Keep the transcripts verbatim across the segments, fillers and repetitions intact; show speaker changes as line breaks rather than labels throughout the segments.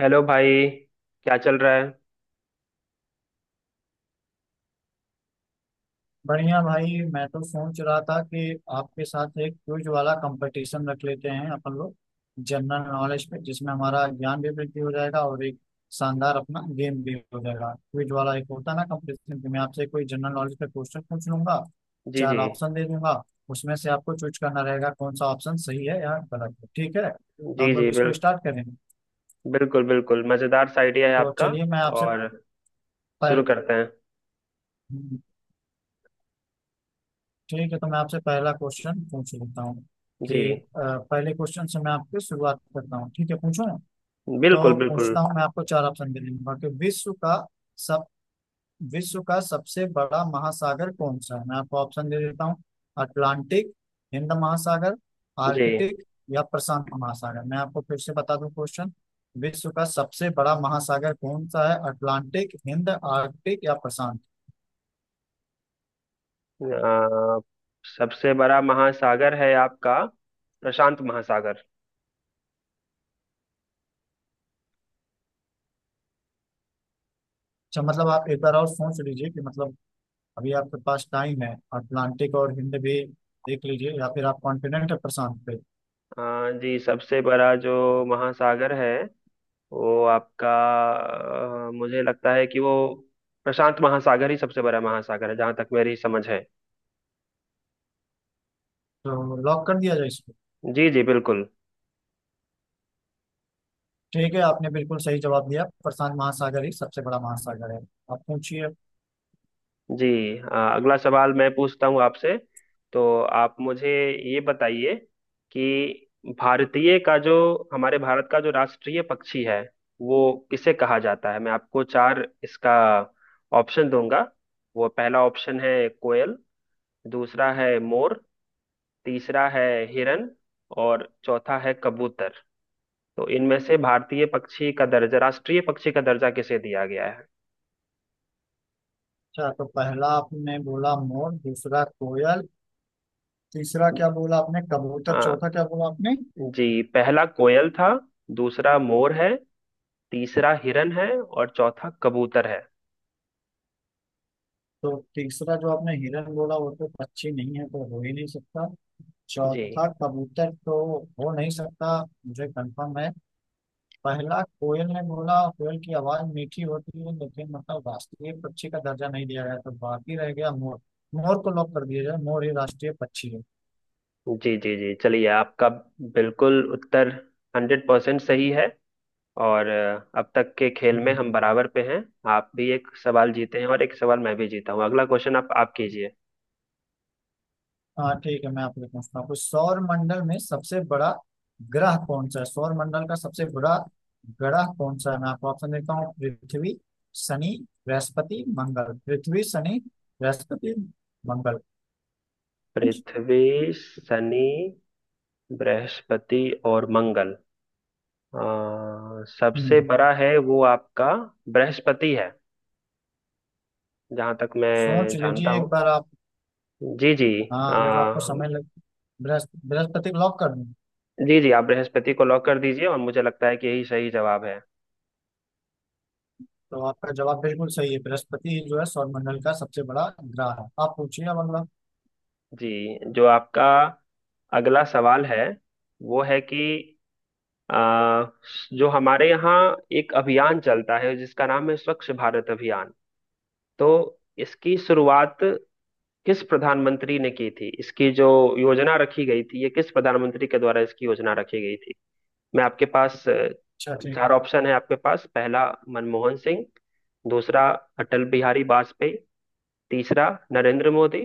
Hello भाई। क्या चल रहा है?
बढ़िया भाई। मैं तो सोच रहा था कि आपके साथ एक क्विज वाला कंपटीशन रख लेते हैं अपन लोग, जनरल नॉलेज पे, जिसमें हमारा ज्ञान भी वृद्धि हो जाएगा और एक शानदार अपना गेम भी हो जाएगा। क्विज वाला एक होता है ना कंपटीशन, कि मैं आपसे कोई जनरल नॉलेज पे क्वेश्चन पूछ लूंगा,
जी
चार
जी।
ऑप्शन दे दूंगा। उसमें से आपको चूज करना रहेगा कौन सा ऑप्शन सही है या गलत है। ठीक है, तो
जी
हम लोग
जी
इसको
बिल
स्टार्ट करेंगे।
बिल्कुल बिल्कुल, मज़ेदार सा आइडिया है
तो
आपका।
चलिए, मैं आपसे
और शुरू
पर
करते हैं।
ठीक है, तो मैं आपसे पहला क्वेश्चन पूछ लेता हूँ कि अ,
जी
पहले क्वेश्चन से मैं आपकी शुरुआत करता हूँ। ठीक है, पूछूं
बिल्कुल
तो
बिल्कुल।
पूछता हूँ। मैं आपको चार ऑप्शन दे दूंगा कि विश्व का सब विश्व का सबसे बड़ा महासागर कौन सा है? मैं आपको ऑप्शन दे देता हूँ: अटलांटिक, हिंद महासागर,
जी,
आर्कटिक या प्रशांत महासागर। मैं आपको फिर से बता दूं क्वेश्चन: विश्व का सबसे बड़ा महासागर कौन सा है? अटलांटिक, हिंद, आर्कटिक या प्रशांत?
अ, सबसे बड़ा महासागर है आपका प्रशांत महासागर।
अच्छा, मतलब आप एक बार और सोच लीजिए कि, मतलब, अभी आपके पास टाइम है, अटलांटिक और हिंद भी देख लीजिए, या फिर आप कॉन्फिडेंट है प्रशांत पे?
अ, जी, सबसे बड़ा जो महासागर है वो आपका अ, मुझे लगता है कि वो प्रशांत महासागर ही सबसे बड़ा महासागर है, जहाँ तक मेरी समझ है।
तो लॉक कर दिया जाए इसको?
जी जी बिल्कुल।
ठीक है, आपने बिल्कुल सही जवाब दिया, प्रशांत महासागर ही सबसे बड़ा महासागर है। आप पूछिए।
जी हाँ, अगला सवाल मैं पूछता हूँ आपसे। तो आप मुझे ये बताइए कि भारतीय का जो हमारे भारत का जो राष्ट्रीय पक्षी है वो किसे कहा जाता है। मैं आपको चार इसका ऑप्शन दूंगा। वो पहला ऑप्शन है कोयल, दूसरा है मोर, तीसरा है हिरन, और चौथा है कबूतर। तो इनमें से भारतीय पक्षी का दर्जा, राष्ट्रीय पक्षी का दर्जा किसे दिया गया
अच्छा, तो पहला आपने बोला मोर, दूसरा कोयल, तीसरा क्या बोला आपने, कबूतर,
है?
चौथा क्या बोला आपने?
जी, पहला कोयल था, दूसरा मोर है, तीसरा हिरन है, और चौथा कबूतर है।
तो तीसरा जो आपने हिरन बोला वो तो पक्षी नहीं है, तो हो ही नहीं सकता।
जी
चौथा कबूतर तो हो नहीं सकता, मुझे कंफर्म है। पहला कोयल ने बोला, कोयल की आवाज मीठी होती है लेकिन मतलब राष्ट्रीय पक्षी का दर्जा नहीं दिया गया, तो बाकी रह गया मोर। मोर को लॉक कर दिया जाए, मोर ही राष्ट्रीय पक्षी है।
जी जी जी, चलिए। आपका बिल्कुल उत्तर हंड्रेड परसेंट सही है। और अ, अब तक के खेल में
हम्म,
हम बराबर पे हैं। आप भी एक सवाल जीते हैं और एक सवाल मैं भी जीता हूँ। अगला क्वेश्चन आप आप कीजिए।
हाँ ठीक है, मैं आपसे पूछता हूँ, सौर मंडल में सबसे बड़ा ग्रह कौन सा है? सौर मंडल का सबसे बड़ा ग्रह कौन सा है? मैं आपको ऑप्शन देता हूँ: पृथ्वी, शनि, बृहस्पति, मंगल। पृथ्वी, शनि, बृहस्पति, मंगल।
पृथ्वी, शनि, बृहस्पति, और मंगल। अ, सबसे
हम्म
बड़ा है वो आपका बृहस्पति है, जहां तक
सोच
मैं जानता
लीजिए
हूँ।
एक बार आप।
जी जी।
हाँ,
आ,
अगर जो आपको समय लग, बृहस्प- बृहस्पति को लॉक कर दूं?
जी जी, आप बृहस्पति को लॉक कर दीजिए और मुझे लगता है कि यही सही जवाब है।
तो आपका जवाब बिल्कुल सही है, बृहस्पति ही जो है सौरमंडल का सबसे बड़ा ग्रह है। आप पूछिए अब अगला।
जी, जो आपका अगला सवाल है वो है कि आ, जो हमारे यहाँ एक अभियान चलता है जिसका नाम है स्वच्छ भारत अभियान। तो इसकी शुरुआत किस प्रधानमंत्री ने की थी, इसकी जो योजना रखी गई थी, ये किस प्रधानमंत्री के द्वारा इसकी योजना रखी गई थी? मैं आपके पास अ,
अच्छा ठीक
चार
है,
ऑप्शन है आपके पास। पहला मनमोहन सिंह, दूसरा अटल बिहारी वाजपेयी, तीसरा नरेंद्र मोदी,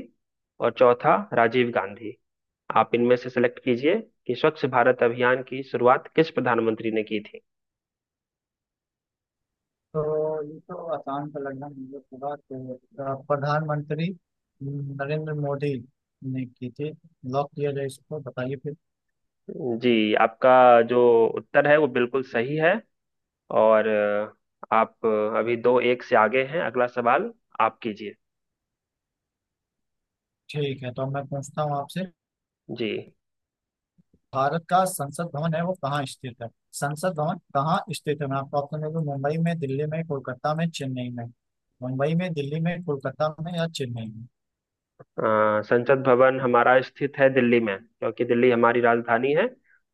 और चौथा राजीव गांधी। आप इनमें से सिलेक्ट कीजिए कि स्वच्छ भारत अभियान की शुरुआत किस प्रधानमंत्री ने की थी।
तो ये तो आसान का लग रहा है मुझे पूरा तो। अ, प्रधानमंत्री नरेंद्र मोदी ने की थी। लॉक किया जाए इसको, बताइए फिर।
जी, आपका जो उत्तर है वो बिल्कुल सही है। और अ, आप अ, अभी दो एक से आगे हैं। अगला सवाल आप कीजिए।
ठीक है, तो अब मैं पूछता हूँ आपसे,
जी,
भारत का संसद भवन है वो कहाँ स्थित है? संसद भवन कहाँ स्थित है? मैं आपको ऑप्शन दे दूं: मुंबई में, दिल्ली में, कोलकाता में, चेन्नई में। मुंबई में, दिल्ली में, कोलकाता में या चेन्नई में?
अ, संसद भवन हमारा स्थित है दिल्ली में, क्योंकि दिल्ली हमारी राजधानी है।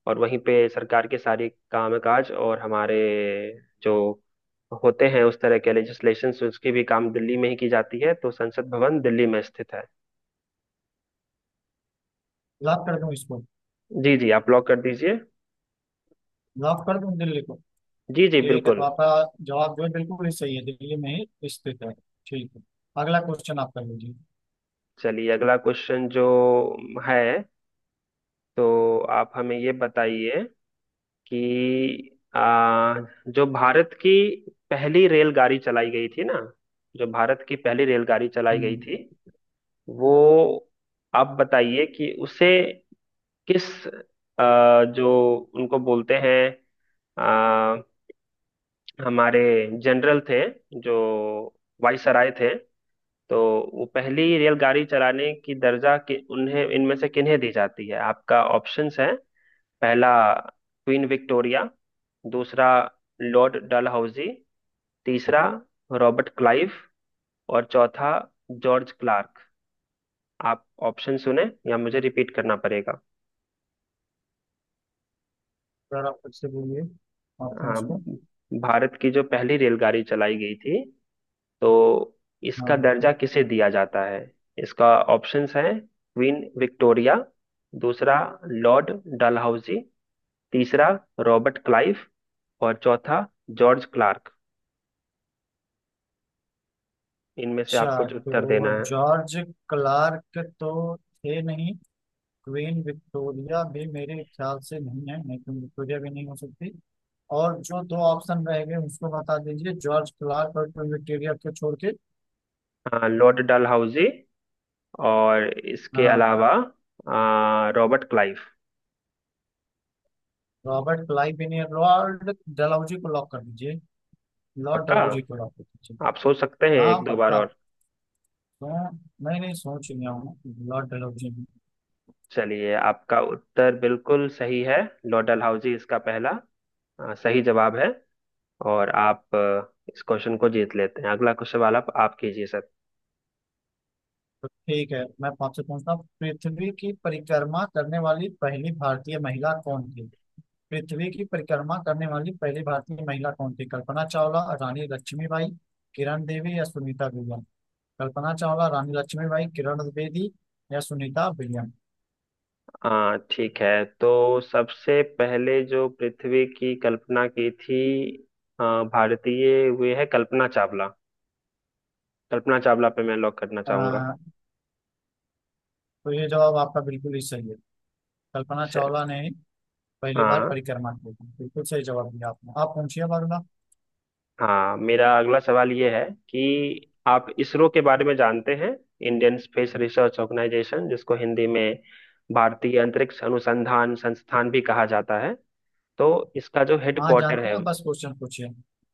और वहीं पे सरकार के सारे कामकाज और हमारे जो होते हैं उस तरह के लेजिस्लेशन उसकी भी काम दिल्ली में ही की जाती है। तो संसद भवन दिल्ली में स्थित है।
लॉक कर दूं इसको?
जी जी, आप लॉक कर दीजिए।
लॉक कर दूं दिल्ली को?
जी जी
ठीक है, तो
बिल्कुल।
आपका जवाब जो है बिल्कुल ही सही है, दिल्ली में ही स्थित है। ठीक है, अगला क्वेश्चन आप कर लीजिए।
चलिए, अगला क्वेश्चन जो है, तो आप हमें ये बताइए कि आ, जो भारत की पहली रेलगाड़ी चलाई गई थी ना, जो भारत की पहली रेलगाड़ी चलाई गई
हम्म
थी वो आप बताइए कि उसे किस आ, जो उनको बोलते हैं आ, हमारे जनरल थे जो वायसराय थे, तो वो पहली रेलगाड़ी चलाने की दर्जा कि उन्हें इनमें से किन्हें दी जाती है। आपका ऑप्शंस है पहला क्वीन विक्टोरिया, दूसरा लॉर्ड डलहौजी, तीसरा रॉबर्ट क्लाइव, और चौथा जॉर्ज क्लार्क। आप ऑप्शन सुने या मुझे रिपीट करना पड़ेगा?
सर, आप फिर से बोलिए ऑप्शंस
हाँ,
को।
भारत की जो पहली रेलगाड़ी चलाई गई थी, तो इसका
हाँ।
दर्जा किसे दिया जाता है? इसका ऑप्शंस हैं क्वीन विक्टोरिया, दूसरा लॉर्ड डलहौजी, तीसरा रॉबर्ट क्लाइव, और चौथा जॉर्ज क्लार्क। इनमें से
अच्छा,
आपको जो उत्तर
तो
देना है।
जॉर्ज क्लार्क तो थे नहीं, क्वीन विक्टोरिया भी मेरे ख्याल से नहीं है, नहीं क्वीन विक्टोरिया भी नहीं हो सकती। और जो दो ऑप्शन रह गए उसको बता दीजिए, जॉर्ज क्लार्क और क्वीन विक्टोरिया को छोड़ के।
हाँ लॉर्ड डलहौजी और इसके
हाँ।
अलावा आ, रॉबर्ट क्लाइव।
रॉबर्ट क्लाइव भी नहीं है, लॉर्ड डलहौजी को लॉक कर दीजिए, लॉर्ड
पक्का?
डलहौजी को लॉक कर दीजिए।
आप सोच सकते हैं
हाँ,
एक दो बार
पक्का।
और।
तो नहीं नहीं, सोच लिया हूँ ब्लड एलर्जी में।
चलिए आपका उत्तर बिल्कुल सही है, लॉर्ड डलहौजी इसका पहला आ, सही जवाब है। और आप आ, इस क्वेश्चन को जीत लेते हैं। अगला क्वेश्चन वाला आप आप कीजिए सर।
तो ठीक है, मैं आपसे पूछता हूँ, पृथ्वी की परिक्रमा करने वाली पहली भारतीय महिला कौन थी? पृथ्वी की परिक्रमा करने वाली पहली भारतीय महिला कौन थी? कल्पना चावला, रानी लक्ष्मीबाई, किरण देवी या सुनीता विलियम। कल्पना चावला, रानी लक्ष्मीबाई, किरण द्विवेदी या सुनीता विलियम।
हाँ ठीक है, तो सबसे पहले जो पृथ्वी की कल्पना की थी आ, भारतीय वे है कल्पना चावला। कल्पना चावला पे मैं लॉक करना
अ,
चाहूंगा।
तो ये जवाब आपका बिल्कुल ही सही है, कल्पना
चल।
चावला ने पहली बार
हाँ
परिक्रमा की थी। बिल्कुल सही जवाब दिया आपने, आप पूछिए अब अगला।
हाँ, मेरा अगला सवाल ये है कि आप इसरो के बारे में जानते हैं? इंडियन स्पेस रिसर्च ऑर्गेनाइजेशन, जिसको हिंदी में भारतीय अंतरिक्ष अनुसंधान संस्थान भी कहा जाता है। तो इसका जो
हाँ,
हेडक्वार्टर
जानते
है,
हैं, बस क्वेश्चन पूछिए।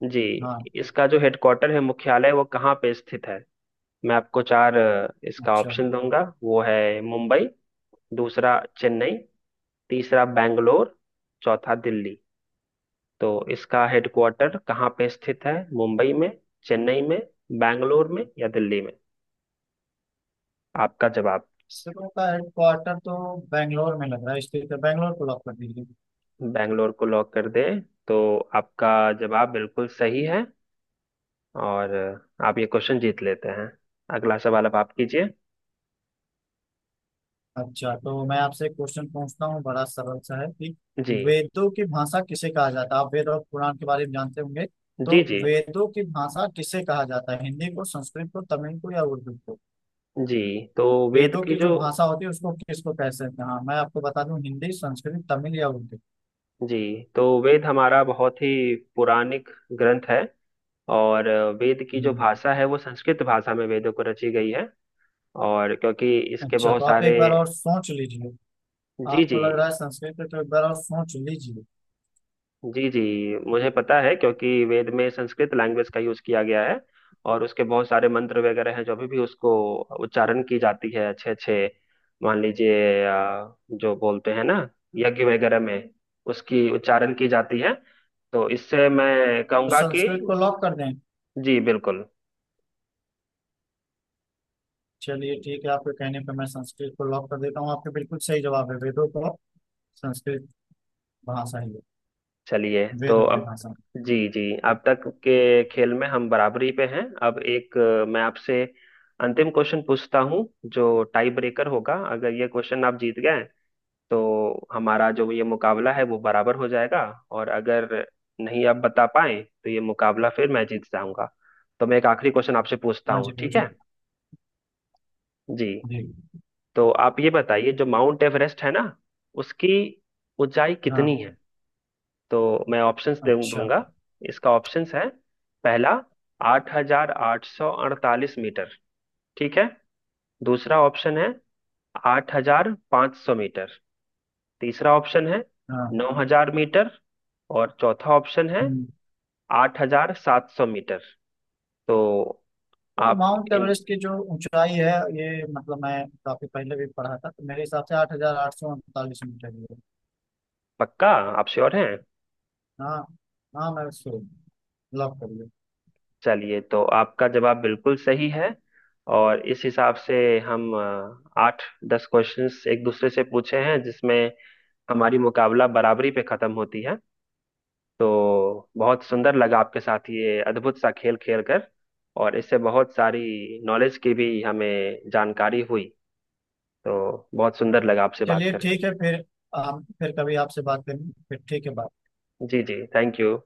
जी,
हाँ।
इसका जो हेडक्वार्टर है, मुख्यालय, वो कहाँ पे स्थित है? मैं आपको चार अ, इसका
अच्छा।
ऑप्शन दूंगा। वो है मुंबई, दूसरा चेन्नई, तीसरा बैंगलोर, चौथा दिल्ली। तो इसका हेडक्वार्टर कहाँ पे स्थित है, मुंबई में, चेन्नई में, बैंगलोर में, या दिल्ली में? आपका जवाब।
इसरो का हेडक्वार्टर तो बेंगलोर में लग रहा है, स्थित है, बेंगलोर को लॉक कर दीजिए।
बैंगलोर को लॉक कर दें? तो आपका जवाब बिल्कुल सही है और आप ये क्वेश्चन जीत लेते हैं। अगला सवाल अब आप कीजिए।
अच्छा, तो मैं आपसे क्वेश्चन पूछता हूँ, बड़ा सरल सा है कि
जी
वेदों की भाषा किसे कहा जाता है? आप वेद और पुराण के बारे में जानते होंगे तो,
जी। जी
वेदों की भाषा किसे कहा जाता है? हिंदी को, संस्कृत को, तमिल को या उर्दू को?
जी। तो वेद
वेदों
की
की
जो
जो भाषा होती है उसको किसको कह सकते हैं? हाँ, मैं आपको बता दूं: हिंदी, संस्कृत, तमिल या उर्दू।
जी, तो वेद हमारा बहुत ही पौराणिक ग्रंथ है। और वेद की जो
हम्म,
भाषा है वो संस्कृत भाषा में, वेदों को रची गई है। और क्योंकि इसके
अच्छा,
बहुत
तो आप
सारे।
एक बार और सोच लीजिए,
जी
आपको
जी
लग रहा है संस्कृत पे, तो एक बार और सोच लीजिए।
जी जी, मुझे पता है क्योंकि वेद में संस्कृत लैंग्वेज का यूज किया गया है। और उसके बहुत सारे मंत्र वगैरह हैं जो अभी भी उसको उच्चारण की जाती है। अच्छे अच्छे, मान लीजिए अ, जो बोलते हैं ना यज्ञ वगैरह में, उसकी उच्चारण की जाती है। तो इससे मैं
तो
कहूंगा कि।
संस्कृत को लॉक कर दें?
जी बिल्कुल।
चलिए ठीक है, आपके कहने पे मैं संस्कृत को लॉक कर देता हूँ, आपके बिल्कुल सही जवाब है, वेदों को संस्कृत भाषा ही है,
चलिए तो
वेदों
ठीक है,
की
अब
भाषा।
जी जी, अब तक के खेल में हम बराबरी पे हैं। अब एक अ, मैं आपसे अंतिम क्वेश्चन पूछता हूँ, जो टाई ब्रेकर होगा। अगर ये क्वेश्चन आप जीत गए तो हमारा जो ये मुकाबला है वो बराबर हो जाएगा। और अगर नहीं आप बता पाए तो ये मुकाबला फिर मैं जीत जाऊंगा। तो मैं एक आखिरी क्वेश्चन आपसे पूछता
हाँ
हूँ,
जी,
ठीक
पूछें।
है? जी,
जी।
तो आप ये बताइए जो माउंट एवरेस्ट है ना, उसकी ऊंचाई कितनी है?
हाँ।
तो मैं ऑप्शंस दे
अच्छा।
दूंगा। इसका ऑप्शंस है पहला आठ हजार आठ सौ अड़तालीस मीटर, ठीक है। दूसरा ऑप्शन है आठ हजार पाँच सौ मीटर। तीसरा ऑप्शन है
हाँ।
नौ हजार मीटर। और चौथा ऑप्शन है
हम्म।
आठ हजार सात सौ मीटर। तो
तो
आप
माउंट
इन।
एवरेस्ट की जो ऊंचाई है, ये मतलब मैं काफी पहले भी पढ़ा था, तो मेरे हिसाब से आठ हजार आठ सौ उनतालीस मीटर ही है।
पक्का? आप श्योर हैं?
हाँ। हाँ मैं उसको लॉक करिए।
चलिए तो आपका जवाब बिल्कुल सही है। और इस हिसाब से हम अ, आठ दस क्वेश्चंस एक दूसरे से पूछे हैं, जिसमें हमारी मुकाबला बराबरी पे खत्म होती है। तो बहुत सुंदर लगा आपके साथ ये अद्भुत सा खेल खेल कर। और इससे बहुत सारी नॉलेज की भी हमें जानकारी हुई। तो बहुत सुंदर लगा आपसे बात
चलिए
करके।
ठीक है फिर, हम फिर कभी आपसे बात करेंगे फिर। ठीक है, बाय।
जी जी, थैंक यू।